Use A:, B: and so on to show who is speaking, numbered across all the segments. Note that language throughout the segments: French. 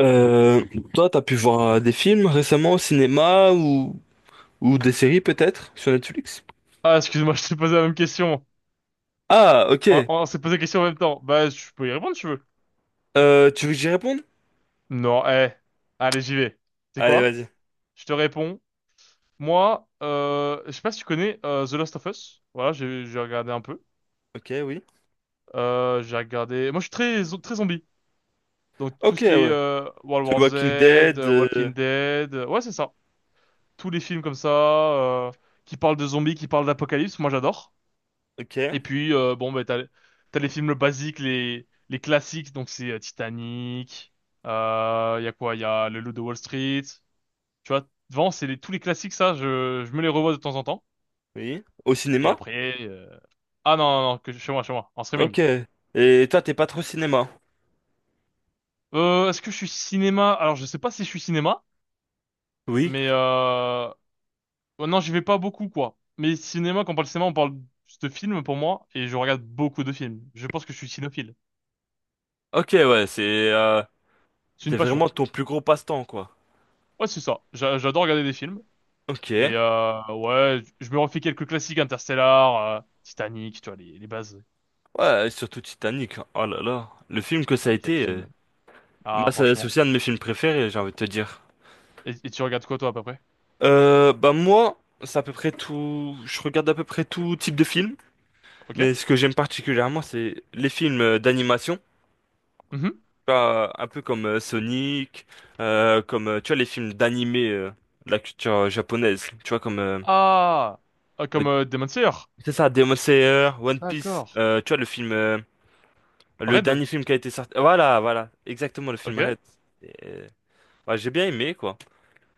A: Euh, Toi, t'as pu voir des films récemment au cinéma ou des séries peut-être sur Netflix?
B: Ah, excuse-moi, je t'ai posé la même question.
A: Ah,
B: On,
A: ok.
B: on s'est posé la question en même temps. Bah, je peux y répondre si tu veux.
A: Tu veux que j'y réponde?
B: Non, eh. Allez, j'y vais. C'est
A: Allez,
B: quoi?
A: vas-y.
B: Je te réponds. Moi, je sais pas si tu connais The Last of Us. Voilà, j'ai regardé un peu.
A: Ok, oui.
B: J'ai regardé. Moi, je suis très zombie. Donc tout
A: Ok,
B: ce qui est
A: ouais.
B: World
A: The
B: War Z,
A: Walking Dead.
B: Walking Dead, ouais, c'est ça. Tous les films comme ça qui parlent de zombies, qui parlent d'apocalypse, moi j'adore.
A: Ok,
B: Et puis, bon, bah, t'as les films basiques, les classiques, donc c'est Titanic, y a quoi? Y a Le Loup de Wall Street. Tu vois, devant, c'est les, tous les classiques, ça, je me les revois de temps en temps.
A: oui. Au
B: Et
A: cinéma?
B: après, ah non, non, non, chez moi, en streaming.
A: Ok. Et toi, t'es pas trop cinéma?
B: Est-ce que je suis cinéma? Alors, je sais pas si je suis cinéma,
A: Oui.
B: mais oh non, j'y vais pas beaucoup, quoi. Mais cinéma, quand on parle cinéma, on parle juste de films pour moi, et je regarde beaucoup de films. Je pense que je suis cinéphile.
A: Ok, ouais, euh,
B: C'est une
A: c'était
B: passion.
A: vraiment ton plus gros passe-temps, quoi.
B: Ouais, c'est ça. J'adore regarder des films.
A: Ok.
B: Et ouais, je me refais quelques classiques, Interstellar, Titanic, tu vois, les bases.
A: Ouais, et surtout Titanic. Oh là là. Le film que ça a
B: Ah, quel
A: été,
B: film. Ah,
A: bah, c'est
B: franchement.
A: aussi un de mes films préférés, j'ai envie de te dire.
B: Et tu regardes quoi, toi, à peu près?
A: Bah moi, c'est à peu près tout. Je regarde à peu près tout type de film,
B: Ok?
A: mais ce que j'aime particulièrement, c'est les films d'animation.
B: Mhm.
A: Tu vois, un peu comme Sonic, comme tu vois les films d'animé de la culture japonaise. Tu vois comme
B: Ah! Ah,
A: euh,
B: comme Demon Slayer.
A: c'est ça, Demon Slayer, One Piece.
B: D'accord.
A: Tu vois le film, le
B: Red?
A: dernier film qui a été sorti. Voilà, voilà, exactement le film
B: Ok.
A: Red. Et, ouais, j'ai bien aimé quoi.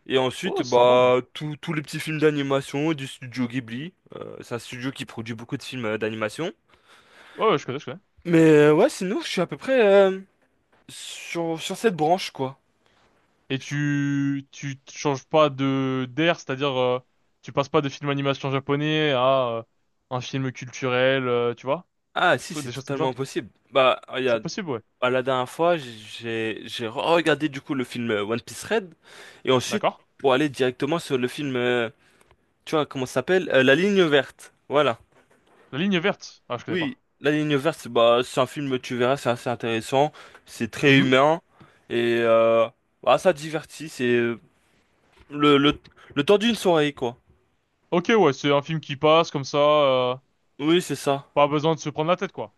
A: Et ensuite,
B: Oh, c'est sympa.
A: bah, tous les petits films d'animation du studio Ghibli. C'est un studio qui produit beaucoup de films d'animation.
B: Ouais, ouais, je connais, je connais.
A: Mais ouais, sinon, je suis à peu près sur cette branche, quoi.
B: Et
A: Je trouve-
B: tu te changes pas de d'air, c'est-à-dire, tu passes pas de film animation japonais à un film culturel, tu vois?
A: Ah, si, c'est
B: Des choses comme
A: totalement
B: ça.
A: impossible. Bah,
B: C'est
A: regarde,
B: possible, ouais.
A: à la dernière fois, j'ai regardé du coup le film One Piece Red. Et ensuite,
B: D'accord.
A: pour aller directement sur le film, tu vois, comment ça s'appelle? La Ligne verte. Voilà.
B: La ligne verte. Ah, je connais
A: Oui,
B: pas.
A: La Ligne verte, bah, c'est un film, tu verras, c'est assez intéressant, c'est très
B: Mhm.
A: humain et bah, ça divertit, c'est le, le, le temps d'une soirée, quoi.
B: Ok, ouais, c'est un film qui passe comme ça,
A: Oui, c'est ça.
B: pas besoin de se prendre la tête, quoi.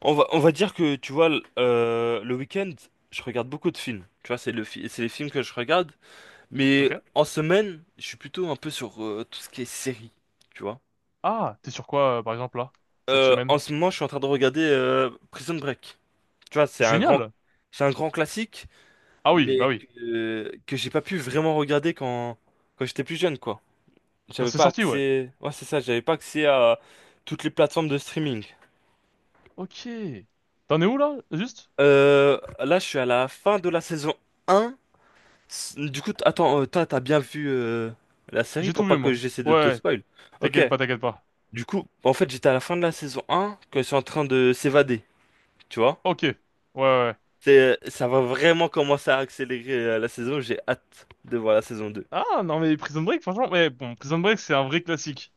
A: On va dire que, tu vois, le week-end, je regarde beaucoup de films. Tu vois, c'est les films que je regarde. Mais
B: Ok.
A: en semaine, je suis plutôt un peu sur tout ce qui est série, tu vois.
B: Ah, t'es sur quoi, par exemple, là, cette semaine?
A: En ce moment, je suis en train de regarder Prison Break. Tu vois,
B: Génial!
A: c'est un grand classique,
B: Ah oui, bah
A: mais
B: oui.
A: que j'ai pas pu vraiment regarder quand j'étais plus jeune, quoi.
B: Quand
A: J'avais
B: c'est
A: pas
B: sorti, ouais.
A: accès. Ouais, c'est ça, j'avais pas accès à toutes les plateformes de streaming.
B: Ok. T'en es où, là, juste?
A: Là, je suis à la fin de la saison 1. Du coup, attends, toi, t'as bien vu la série
B: J'ai
A: pour
B: tout
A: pas
B: vu,
A: que
B: moi.
A: j'essaie de te
B: Ouais,
A: spoil. Ok,
B: t'inquiète pas, t'inquiète pas.
A: du coup, en fait, j'étais à la fin de la saison 1 quand ils sont en train de s'évader, tu vois?
B: Ok. Ouais, ouais, ouais.
A: Ça va vraiment commencer à accélérer la saison, j'ai hâte de voir la saison 2.
B: Ah, non, mais Prison Break, franchement, mais bon, Prison Break, c'est un vrai classique.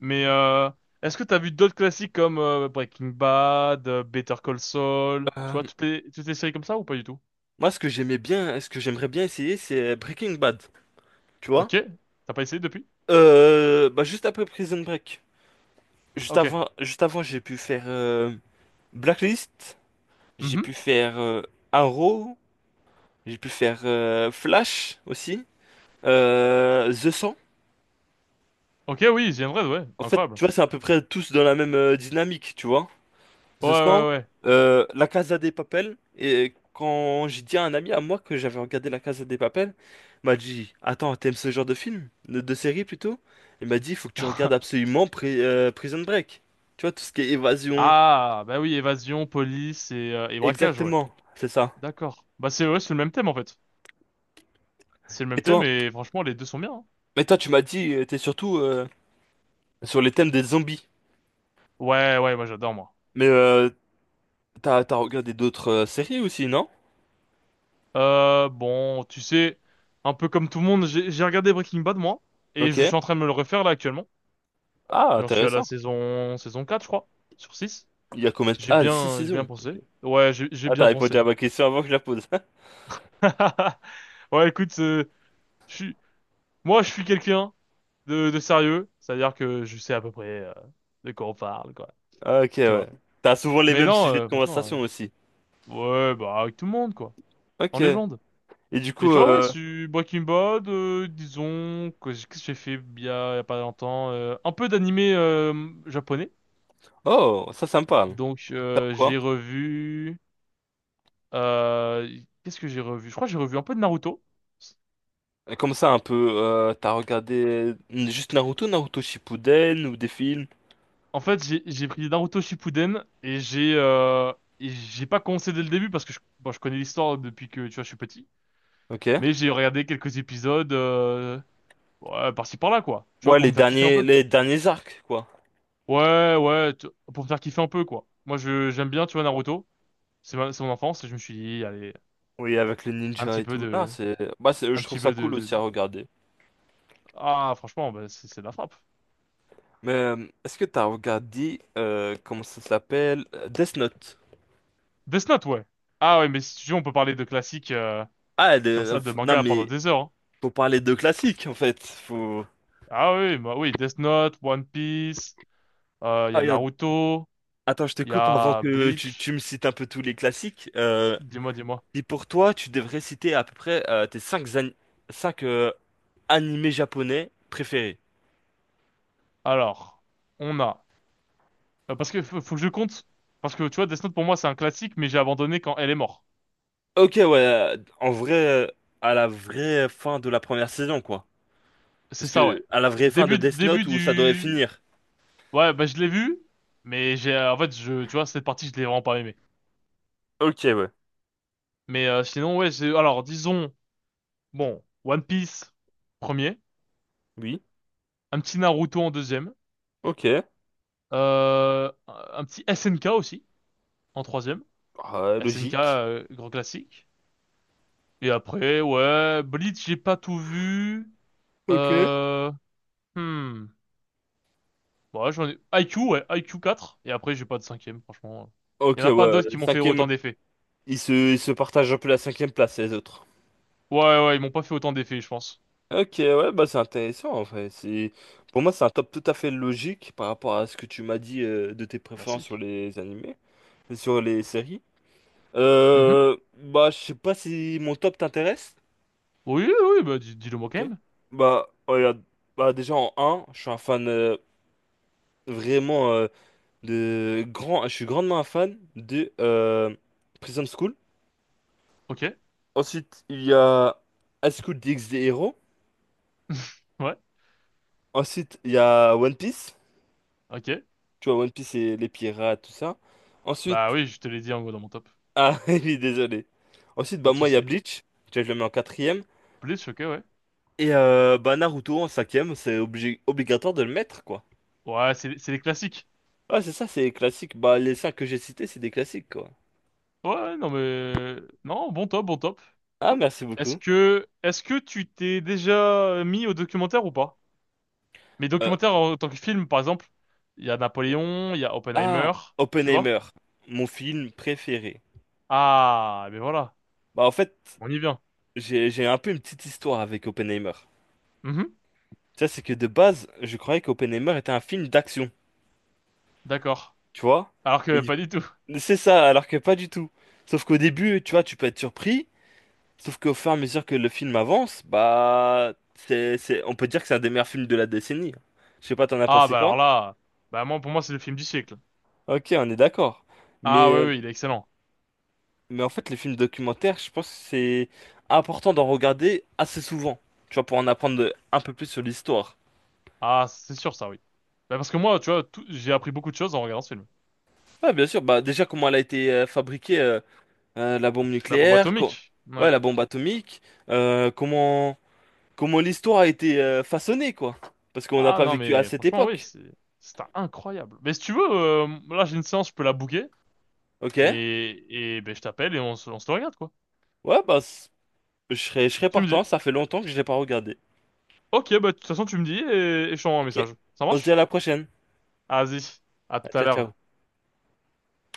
B: Mais, est-ce que t'as vu d'autres classiques comme Breaking Bad, Better Call Saul, tu vois, toutes les séries comme ça ou pas du tout?
A: Moi, ce que j'aimais bien, ce que j'aimerais bien essayer, c'est Breaking Bad, tu vois?
B: Ok. T'as pas essayé depuis?
A: Bah, juste après Prison Break. Juste
B: Ok.
A: avant, juste avant, j'ai pu faire Blacklist, j'ai pu
B: Mhm.
A: faire Arrow, j'ai pu faire Flash aussi, The 100.
B: Ok, oui, The Red, ouais,
A: En fait,
B: incroyable.
A: tu vois, c'est à peu près tous dans la même dynamique, tu vois?
B: Ouais,
A: Je sens
B: ouais, ouais.
A: La Casa des Papel. Et quand j'ai dit à un ami à moi que j'avais regardé La Casa des Papel, il m'a dit, attends, t'aimes ce genre de film? De série plutôt? Il m'a dit, il faut que tu regardes absolument Prison Break. Tu vois, tout ce qui est évasion.
B: Ah, bah oui, évasion, police et braquage, ouais.
A: Exactement, c'est ça.
B: D'accord. Bah, c'est, ouais, c'est le même thème en fait. C'est le
A: Et
B: même thème
A: toi,
B: et franchement les deux sont bien, hein.
A: mais toi, tu m'as dit, t'es surtout sur les thèmes des zombies.
B: Ouais, ouais, moi j'adore moi.
A: Mais t'as regardé d'autres séries aussi, non?
B: Bon, tu sais, un peu comme tout le monde, j'ai regardé Breaking Bad moi et
A: Ok.
B: je suis en train de me le refaire là actuellement.
A: Ah,
B: J'en suis à la
A: intéressant.
B: saison 4 je crois, sur six.
A: Il y a combien de.
B: J'ai
A: Ah, six
B: bien j'ai bien
A: saisons.
B: pensé.
A: Ok.
B: Ouais, j'ai
A: Ah, t'as
B: bien
A: répondu
B: pensé.
A: à ma question avant que je la pose.
B: Ouais, écoute, je suis Moi, je suis quelqu'un de sérieux, c'est-à-dire que je sais à peu près de quoi on parle, quoi.
A: Ah, ok,
B: Tu vois.
A: ouais. T'as souvent les
B: Mais
A: mêmes
B: non,
A: sujets de
B: franchement,
A: conversation aussi.
B: euh, ouais, bah avec tout le monde, quoi.
A: Ok.
B: En
A: Et
B: légende.
A: du
B: Mais
A: coup,
B: tu vois, ouais,
A: euh...
B: sur Breaking Bad, disons que qu'est-ce que j'ai fait il y a pas longtemps, un peu d'animé japonais.
A: Oh, ça me parle.
B: Donc
A: Faire
B: euh,
A: quoi?
B: j'ai revu, euh, qu'est-ce que j'ai revu? Je crois que j'ai revu un peu de Naruto.
A: Et comme ça, un peu, t'as regardé juste Naruto, Naruto Shippuden ou des films?
B: En fait, j'ai pris Naruto Shippuden et j'ai pas commencé dès le début parce que bon, je connais l'histoire depuis que tu vois je suis petit,
A: Ok.
B: mais j'ai regardé quelques épisodes ouais, par-ci par-là quoi. Tu vois
A: Ouais,
B: pour
A: les
B: me faire kiffer un
A: derniers,
B: peu.
A: les derniers arcs, quoi.
B: Ouais, ouais, pour me faire kiffer un peu quoi. Moi, je j'aime bien tu vois Naruto, c'est mon enfance et je me suis dit allez
A: Oui, avec les
B: un
A: ninjas
B: petit
A: et
B: peu
A: tout. Non,
B: de
A: bah, je
B: un
A: trouve
B: petit
A: ça
B: peu de,
A: cool
B: de...
A: aussi à regarder.
B: ah franchement bah, c'est de la frappe.
A: Mais est-ce que t'as regardé, comment ça s'appelle? Death Note.
B: Death Note, ouais. Ah, ouais, mais si tu veux on peut parler de classiques
A: Ah,
B: comme ça de
A: non,
B: manga pendant
A: mais
B: des heures, hein.
A: faut parler de classique en fait. Faut.
B: Ah oui, bah oui, Death Note, One Piece. Il y a Naruto,
A: Attends, je te
B: il y
A: coupe avant
B: a
A: que tu,
B: Bleach.
A: tu me cites un peu tous les classiques.
B: Dis-moi, dis-moi.
A: Et pour toi, tu devrais citer à peu près tes cinq an- cinq, animés japonais préférés.
B: Alors, on a... parce que faut que je compte. Parce que tu vois, Death Note pour moi c'est un classique, mais j'ai abandonné quand elle est morte.
A: Ok, ouais, en vrai, à la vraie fin de la première saison, quoi.
B: C'est
A: Parce
B: ça, ouais.
A: que, à la vraie fin de
B: Début,
A: Death
B: début
A: Note où ça devrait
B: du...
A: finir.
B: Ouais, bah je l'ai vu, mais en fait, je, tu vois, cette partie, je l'ai vraiment pas aimé.
A: Ok, ouais.
B: Mais sinon, ouais. Alors, disons, bon, One Piece, premier.
A: Oui.
B: Un petit Naruto en deuxième.
A: Ok.
B: Un petit SNK aussi, en troisième.
A: Ah,
B: SNK,
A: logique.
B: grand classique. Et après, ouais, Blitz j'ai pas tout vu.
A: Ok.
B: Euh, hmm. Ouais, IQ, ouais, IQ quatre. Et après, j'ai pas de cinquième, franchement. Il y
A: Ok,
B: en a pas
A: ouais.
B: d'autres qui m'ont fait
A: Cinquième.
B: autant d'effets.
A: Ils se partagent un peu la cinquième place, les autres.
B: Ouais, ouais, ils m'ont pas fait autant d'effets, je pense.
A: Ok, ouais, bah c'est intéressant en fait. C'est Pour moi c'est un top tout à fait logique par rapport à ce que tu m'as dit de tes préférences sur
B: Merci.
A: les animés, sur les séries.
B: Mhm.
A: Bah je sais pas si mon top t'intéresse.
B: Oui, oui, bah, dis, le moi quand
A: Ok.
B: même.
A: Bah oh, regarde, bah déjà en un je suis un fan vraiment je suis grandement un fan de Prison School.
B: Ok.
A: Ensuite il y a High School DxD Hero.
B: Ouais,
A: Ensuite il y a One Piece.
B: ok.
A: Tu vois One Piece et les pirates tout ça.
B: Bah
A: Ensuite.
B: oui, je te l'ai dit en gros dans mon top.
A: Ah, oui, désolé. Ensuite,
B: Pas
A: bah
B: de
A: moi, il y a
B: souci.
A: Bleach. Tu vois, je le mets en quatrième.
B: Blitz, ok, ouais.
A: Et bah Naruto en cinquième, c'est obligatoire de le mettre, quoi.
B: Ouais, c'est les classiques.
A: Ah, c'est ça, c'est classique. Bah, les cinq que j'ai cités, c'est des classiques, quoi.
B: Ouais, ouais, non mais... Non, bon top, bon top.
A: Ah, merci
B: Est-ce
A: beaucoup.
B: que, est-ce que tu t'es déjà mis au documentaire ou pas? Mais
A: Euh,
B: documentaire en tant que film, par exemple, il y a
A: ok.
B: Napoléon, il y a Oppenheimer,
A: Ah,
B: tu vois?
A: Oppenheimer, mon film préféré.
B: Ah, mais voilà,
A: Bah, en fait,
B: on y vient.
A: j'ai un peu une petite histoire avec Oppenheimer.
B: Mhm,
A: Tu sais, c'est que de base, je croyais qu'Oppenheimer était un film d'action,
B: d'accord.
A: tu vois?
B: Alors que
A: Et du-
B: pas du tout.
A: c'est ça, alors que pas du tout. Sauf qu'au début, tu vois, tu peux être surpris. Sauf qu'au fur et à mesure que le film avance, bah, on peut dire que c'est un des meilleurs films de la décennie. Je sais pas, t'en as
B: Ah,
A: pensé
B: bah alors
A: quoi?
B: là, bah moi, pour moi, c'est le film du siècle.
A: Ok, on est d'accord. Mais,
B: Ah oui,
A: euh,
B: oui, il est excellent.
A: mais en fait, les films documentaires, je pense que c'est important d'en regarder assez souvent. Tu vois, pour en apprendre un peu plus sur l'histoire.
B: Ah, c'est sûr ça, oui. Bah parce que moi, tu vois, j'ai appris beaucoup de choses en regardant ce film.
A: Ouais, bien sûr. Bah, déjà, comment elle a été fabriquée, la bombe
B: La bombe
A: nucléaire,
B: atomique.
A: ouais,
B: Ouais.
A: la bombe atomique, euh, comment, comment l'histoire a été façonnée, quoi. Parce qu'on n'a
B: Ah
A: pas
B: non,
A: vécu à
B: mais
A: cette
B: franchement, oui,
A: époque.
B: c'est incroyable. Mais si tu veux, là, j'ai une séance, je peux la booker.
A: Ok?
B: Et ben, je t'appelle et on se le regarde, quoi.
A: Ouais, bah. Je serais
B: Tu me dis.
A: partant, ça fait longtemps que je l'ai pas regardé.
B: Ok, bah de toute façon tu me dis et je t'envoie un
A: Ok.
B: message. Ça
A: On se dit à
B: marche?
A: la prochaine.
B: Ah, vas-y, à tout à
A: Ciao,
B: l'heure.
A: ciao.